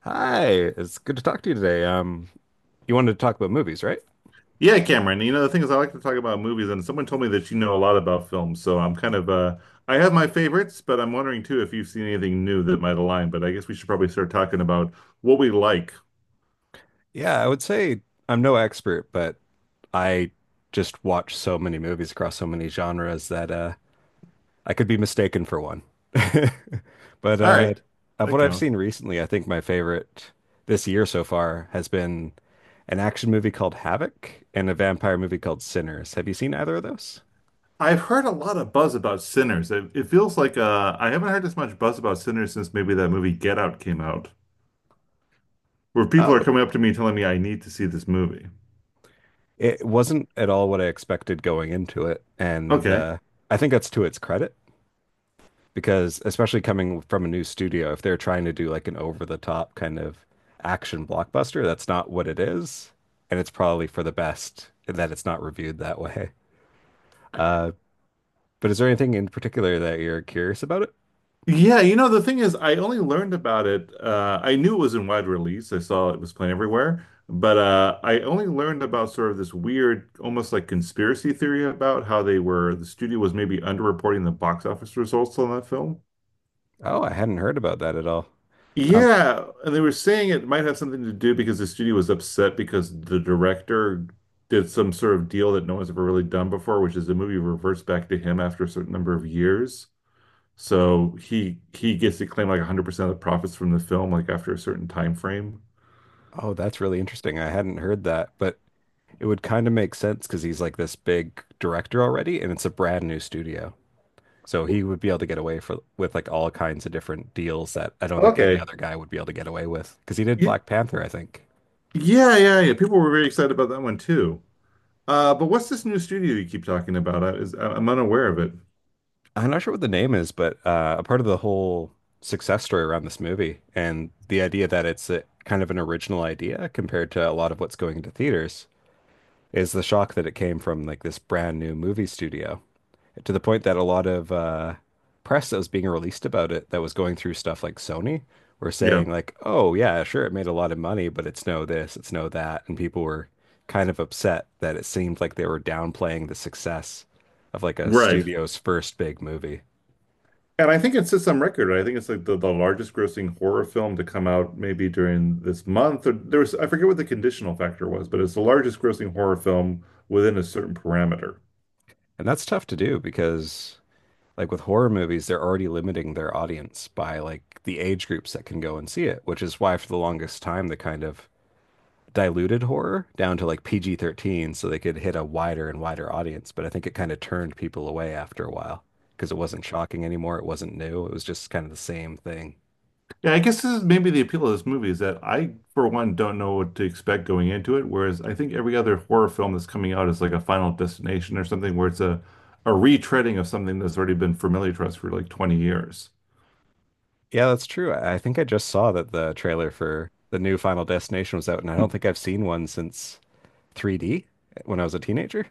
Hi, it's good to talk to you today. You wanted to talk about movies, right? Yeah, Cameron. You know, the thing is, I like to talk about movies, and someone told me that you know a lot about films. So I'm kind of, I have my favorites, but I'm wondering too if you've seen anything new that might align. But I guess we should probably start talking about what we like. Yeah, I would say I'm no expert, but I just watch so many movies across so many genres that I could be mistaken for one. But All right, of that what I've counts. seen recently, I think my favorite this year so far has been an action movie called Havoc and a vampire movie called Sinners. Have you seen either of those? I've heard a lot of buzz about Sinners. It feels like I haven't heard as much buzz about Sinners since maybe that movie Get Out came out, where people are Oh, coming up to me telling me I need to see this movie. it wasn't at all what I expected going into it, and Okay. I think that's to its credit, because especially coming from a new studio, if they're trying to do like an over-the-top kind of action blockbuster, that's not what it is, and it's probably for the best that it's not reviewed that way. Uh, but is there anything in particular that you're curious about it? Yeah, you know, the thing is, I only learned about it. I knew it was in wide release. I saw it was playing everywhere, but I only learned about sort of this weird, almost like conspiracy theory about how they were, the studio was maybe underreporting the box office results on that film. Oh, I hadn't heard about that at all. Um, Yeah, and they were saying it might have something to do because the studio was upset because the director did some sort of deal that no one's ever really done before, which is the movie reverts back to him after a certain number of years. So he gets to claim like 100% of the profits from the film, like after a certain time frame. oh, that's really interesting. I hadn't heard that, but it would kind of make sense because he's like this big director already, and it's a brand new studio. So he would be able to get away for with like all kinds of different deals that I don't think any Okay. other guy would be able to get away with. Because he did Y- Black Panther, I think. Yeah, yeah, yeah. People were very excited about that one too. But what's this new studio you keep talking about? Am unaware of it. I'm not sure what the name is, but a part of the whole success story around this movie and the idea that it's a, kind of an original idea compared to a lot of what's going into theaters, is the shock that it came from like this brand new movie studio to the point that a lot of press that was being released about it that was going through stuff like Sony were Yeah, saying like, oh yeah, sure, it made a lot of money, but it's no this, it's no that, and people were kind of upset that it seemed like they were downplaying the success of like a right. studio's first big movie. And I think it sits on record, right? I think it's like the largest grossing horror film to come out maybe during this month. Or there was, I forget what the conditional factor was, but it's the largest grossing horror film within a certain parameter. And that's tough to do because like with horror movies, they're already limiting their audience by like the age groups that can go and see it, which is why for the longest time the kind of diluted horror down to like PG 13 so they could hit a wider and wider audience. But I think it kind of turned people away after a while because it wasn't shocking anymore. It wasn't new. It was just kind of the same thing. Yeah, I guess this is maybe the appeal of this movie is that I, for one, don't know what to expect going into it. Whereas I think every other horror film that's coming out is like a Final Destination or something where it's a retreading of something that's already been familiar to us for like 20 years. Yeah, that's true. I think I just saw that the trailer for the new Final Destination was out, and I Hmm. don't think I've seen one since 3D when I was a teenager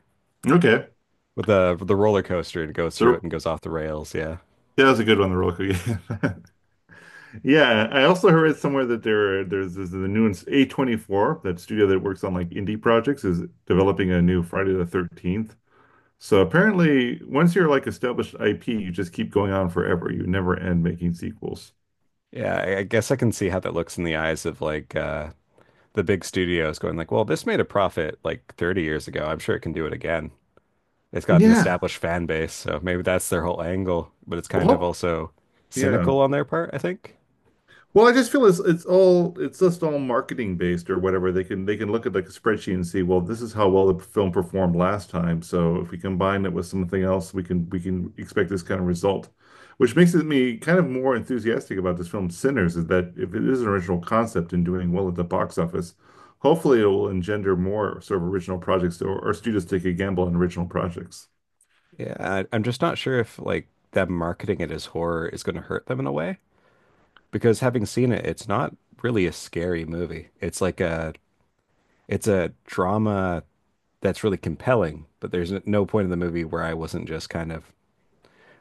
Okay. with the roller coaster and it goes through it There, and goes off the rails. Yeah. that was a good one, the roller coaster. Yeah, I also heard somewhere that there's this, the new A24, that studio that works on like indie projects, is developing a new Friday the 13th. So apparently, once you're like established IP, you just keep going on forever. You never end making sequels. Yeah, I guess I can see how that looks in the eyes of like the big studios going like, well, this made a profit like 30 years ago. I'm sure it can do it again. It's got an Yeah. established fan base, so maybe that's their whole angle, but it's kind of Well, also yeah. cynical on their part, I think. Well, I just feel it's just all marketing based or whatever. They can look at like a spreadsheet and see, well, this is how well the film performed last time. So if we combine it with something else, we can expect this kind of result, which makes it me kind of more enthusiastic about this film Sinners, is that if it is an original concept and doing well at the box office, hopefully it will engender more sort of original projects or studios take a gamble on original projects. Yeah, I'm just not sure if like them marketing it as horror is going to hurt them in a way because having seen it, it's not really a scary movie. It's like a it's a drama that's really compelling, but there's no point in the movie where I wasn't just kind of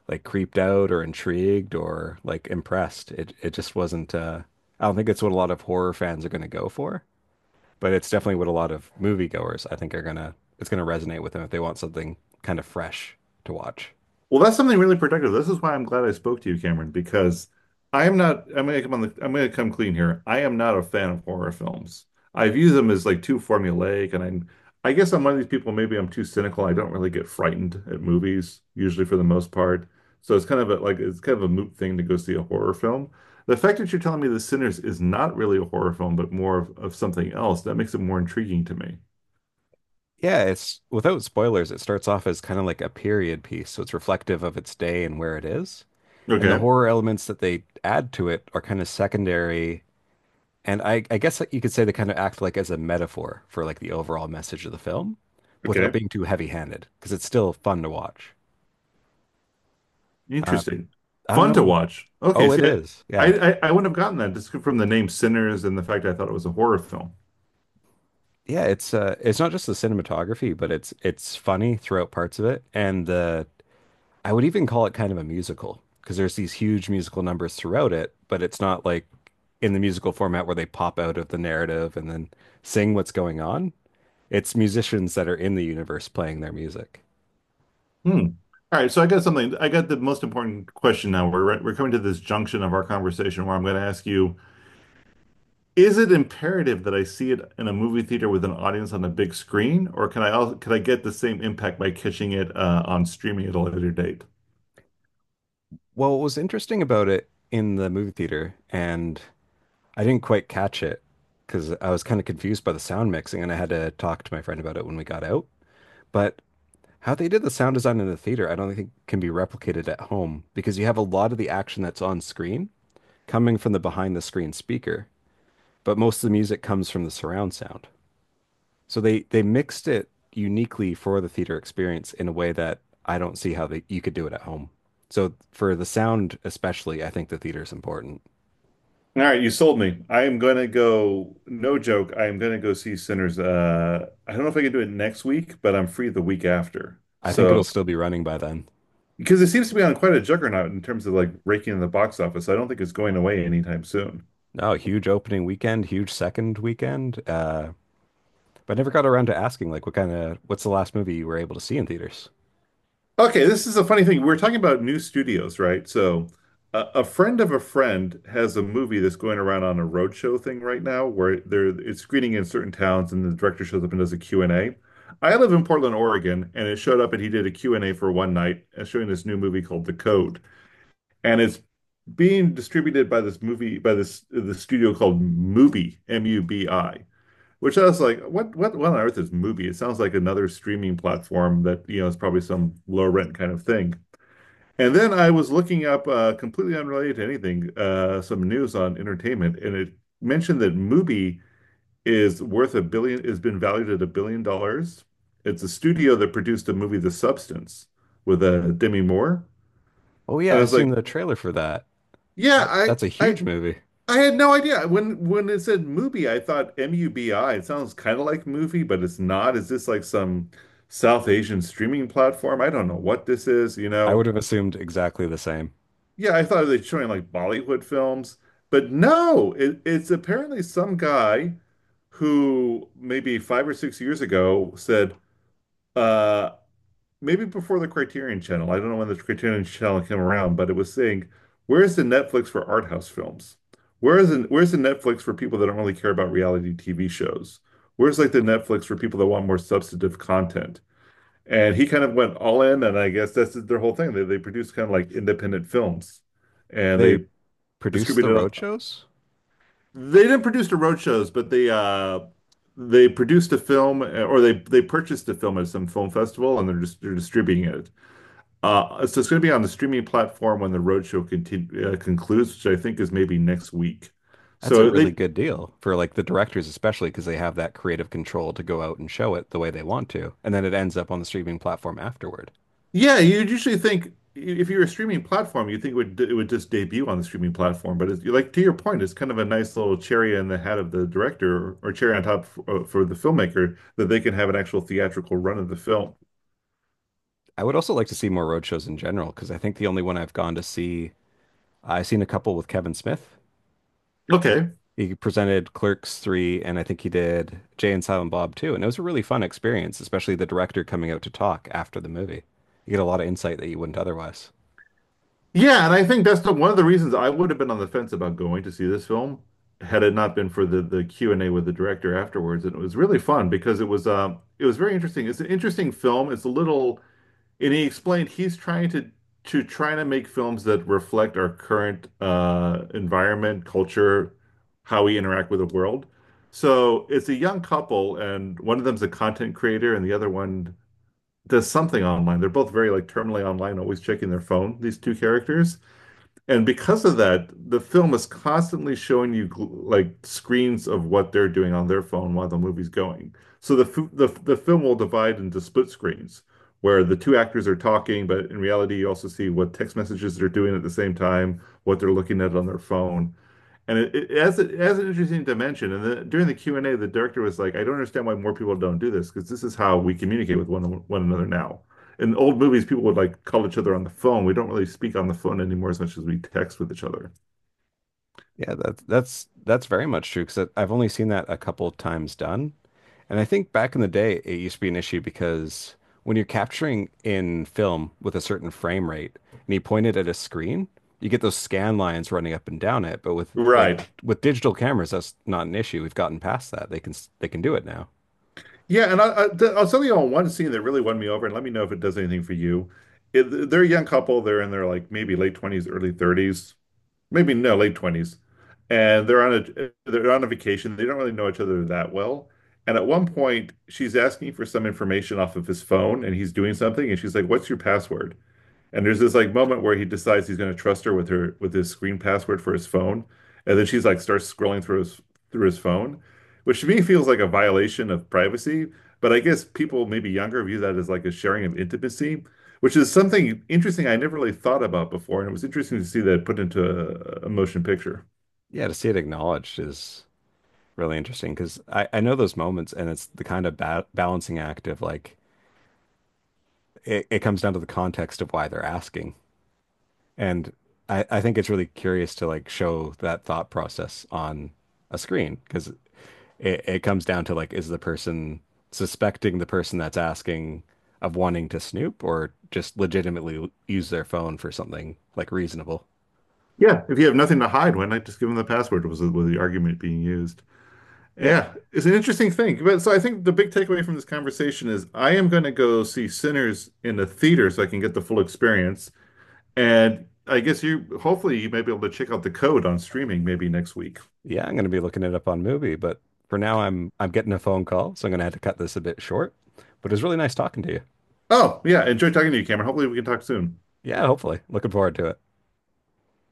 like creeped out or intrigued or like impressed. It just wasn't I don't think it's what a lot of horror fans are going to go for, but it's definitely what a lot of moviegoers I think are going to it's going to resonate with them if they want something kind of fresh to watch. Well, that's something really productive. This is why I'm glad I spoke to you, Cameron, because I am not, I'm gonna come on I'm gonna come clean here. I am not a fan of horror films. I view them as like too formulaic, and I guess I'm one of these people, maybe I'm too cynical. I don't really get frightened at movies, usually for the most part. So it's kind of a moot thing to go see a horror film. The fact that you're telling me The Sinners is not really a horror film, but more of something else, that makes it more intriguing to me. Yeah, it's without spoilers, it starts off as kind of like a period piece, so it's reflective of its day and where it is. And the Okay. horror elements that they add to it are kind of secondary. And I guess you could say they kind of act like as a metaphor for like the overall message of the film without Okay. being too heavy-handed because it's still fun to watch. Uh, Interesting. I don't Fun know. to watch. Okay, Oh, it see, is. Yeah. I wouldn't have gotten that just from the name Sinners and the fact I thought it was a horror film. Yeah, it's not just the cinematography, but it's funny throughout parts of it and the I would even call it kind of a musical because there's these huge musical numbers throughout it, but it's not like in the musical format where they pop out of the narrative and then sing what's going on. It's musicians that are in the universe playing their music. Hmm. All right, so I got something. I got the most important question now. We're coming to this junction of our conversation where I'm going to ask you. Is it imperative that I see it in a movie theater with an audience on a big screen, or can I also, can I get the same impact by catching it on streaming at a later date? Well, what was interesting about it in the movie theater, and I didn't quite catch it because I was kind of confused by the sound mixing, and I had to talk to my friend about it when we got out. But how they did the sound design in the theater, I don't think can be replicated at home because you have a lot of the action that's on screen coming from the behind the screen speaker, but most of the music comes from the surround sound. So they mixed it uniquely for the theater experience in a way that I don't see how they, you could do it at home. So for the sound especially, I think the theater is important. All right, you sold me. I am gonna go, no joke, I am gonna go see Sinners. I don't know if I can do it next week, but I'm free the week after. I think it'll So, still be running by then. because it seems to be on quite a juggernaut in terms of like raking in the box office, so I don't think it's going away anytime soon. No, huge opening weekend, huge second weekend. But I never got around to asking, like, what kind of, what's the last movie you were able to see in theaters? Okay, this is a funny thing. We're talking about new studios, right? So, a friend of a friend has a movie that's going around on a roadshow thing right now where they're it's screening in certain towns and the director shows up and does a Q and A. I live in Portland, Oregon, and it showed up and he did a Q and a for one night showing this new movie called The Code. And it's being distributed by this movie by this the studio called Mubi, Mubi. Which I was like, what on earth is Mubi? It sounds like another streaming platform that, you know, is probably some low rent kind of thing. And then I was looking up, completely unrelated to anything, some news on entertainment, and it mentioned that Mubi is worth a billion, has been valued at $1 billion. It's a studio that produced the movie The Substance with Demi Moore. Oh yeah, And I I've was seen like, the trailer for that. yeah, That I, that's a I, huge movie. I had no idea. When it said Mubi, I thought Mubi. It sounds kind of like movie, but it's not. Is this like some South Asian streaming platform? I don't know what this is, you I know. would have assumed exactly the same. Yeah, I thought they were showing like Bollywood films, but no, it's apparently some guy who maybe 5 or 6 years ago said, uh, maybe before the Criterion Channel, I don't know when the Criterion Channel came around, but it was saying, where's the Netflix for art house films? Where is where's the Netflix for people that don't really care about reality TV shows? Where's like the Netflix for people that want more substantive content? And he kind of went all in, and I guess that's their whole thing. They produce kind of like independent films and They they produced the distributed on. road shows. They didn't produce the road shows, but they produced a film or they purchased a film at some film festival and they're distributing it. So it's going to be on the streaming platform when the roadshow concludes, which I think is maybe next week. That's a So really good deal for like the directors, especially because they have that creative control to go out and show it the way they want to, and then it ends up on the streaming platform afterward. yeah, you'd usually think if you're a streaming platform, you think it would just debut on the streaming platform. But it's, like to your point, it's kind of a nice little cherry in the hat of the director, or cherry on top for the filmmaker that they can have an actual theatrical run of the film. I would also like to see more road shows in general because I think the only one I've gone to see I've seen a couple with Kevin Smith. Okay. He presented Clerks 3, and I think he did Jay and Silent Bob too. And it was a really fun experience, especially the director coming out to talk after the movie. You get a lot of insight that you wouldn't otherwise. Yeah, and I think that's the, one of the reasons I would have been on the fence about going to see this film had it not been for the Q&A with the director afterwards. And it was really fun because it was very interesting. It's an interesting film. It's a little, and he explained he's trying to trying to make films that reflect our current environment, culture, how we interact with the world. So it's a young couple and one of them's a content creator and the other one does something online. They're both very like terminally online, always checking their phone, these two characters. And because of that, the film is constantly showing you like screens of what they're doing on their phone while the movie's going. So the f- the film will divide into split screens where the two actors are talking, but in reality, you also see what text messages they're doing at the same time, what they're looking at on their phone. And it has it has an interesting dimension. And then during the Q&A, the director was like, "I don't understand why more people don't do this because this is how we communicate with one another now." In old movies, people would like call each other on the phone. We don't really speak on the phone anymore as much as we text with each other. Yeah, that's very much true because I've only seen that a couple of times done. And I think back in the day, it used to be an issue because when you're capturing in film with a certain frame rate and you point it at a screen, you get those scan lines running up and down it. But with like Right. with digital cameras, that's not an issue. We've gotten past that. They can they can do it now. Yeah, and I'll tell you on one scene that really won me over, and let me know if it does anything for you. It, they're a young couple. They're in their like maybe late 20s, early 30s. Maybe no, late 20s. And they're on a vacation. They don't really know each other that well. And at one point, she's asking for some information off of his phone, and he's doing something, and she's like, "What's your password?" And there's this like moment where he decides he's going to trust her with his screen password for his phone, and then she's like starts scrolling through his, through his phone, which to me feels like a violation of privacy. But I guess people maybe younger view that as like a sharing of intimacy, which is something interesting I never really thought about before, and it was interesting to see that put into a motion picture. Yeah, to see it acknowledged is really interesting because I know those moments and it's the kind of ba balancing act of like it comes down to the context of why they're asking. And I think it's really curious to like show that thought process on a screen because it comes down to like, is the person suspecting the person that's asking of wanting to snoop or just legitimately use their phone for something like reasonable? Yeah, if you have nothing to hide, why not just give them the password? Was the argument being used? Yeah. Yeah, it's an interesting thing. But so I think the big takeaway from this conversation is I am going to go see Sinners in the theater so I can get the full experience. And I guess you, hopefully, you may be able to check out the code on streaming maybe next week. Yeah, I'm gonna be looking it up on Movie, but for now I'm getting a phone call, so I'm gonna have to cut this a bit short. But it was really nice talking to you. Oh, yeah. Enjoy talking to you, Cameron. Hopefully, we can talk soon. Yeah, hopefully. Looking forward to it.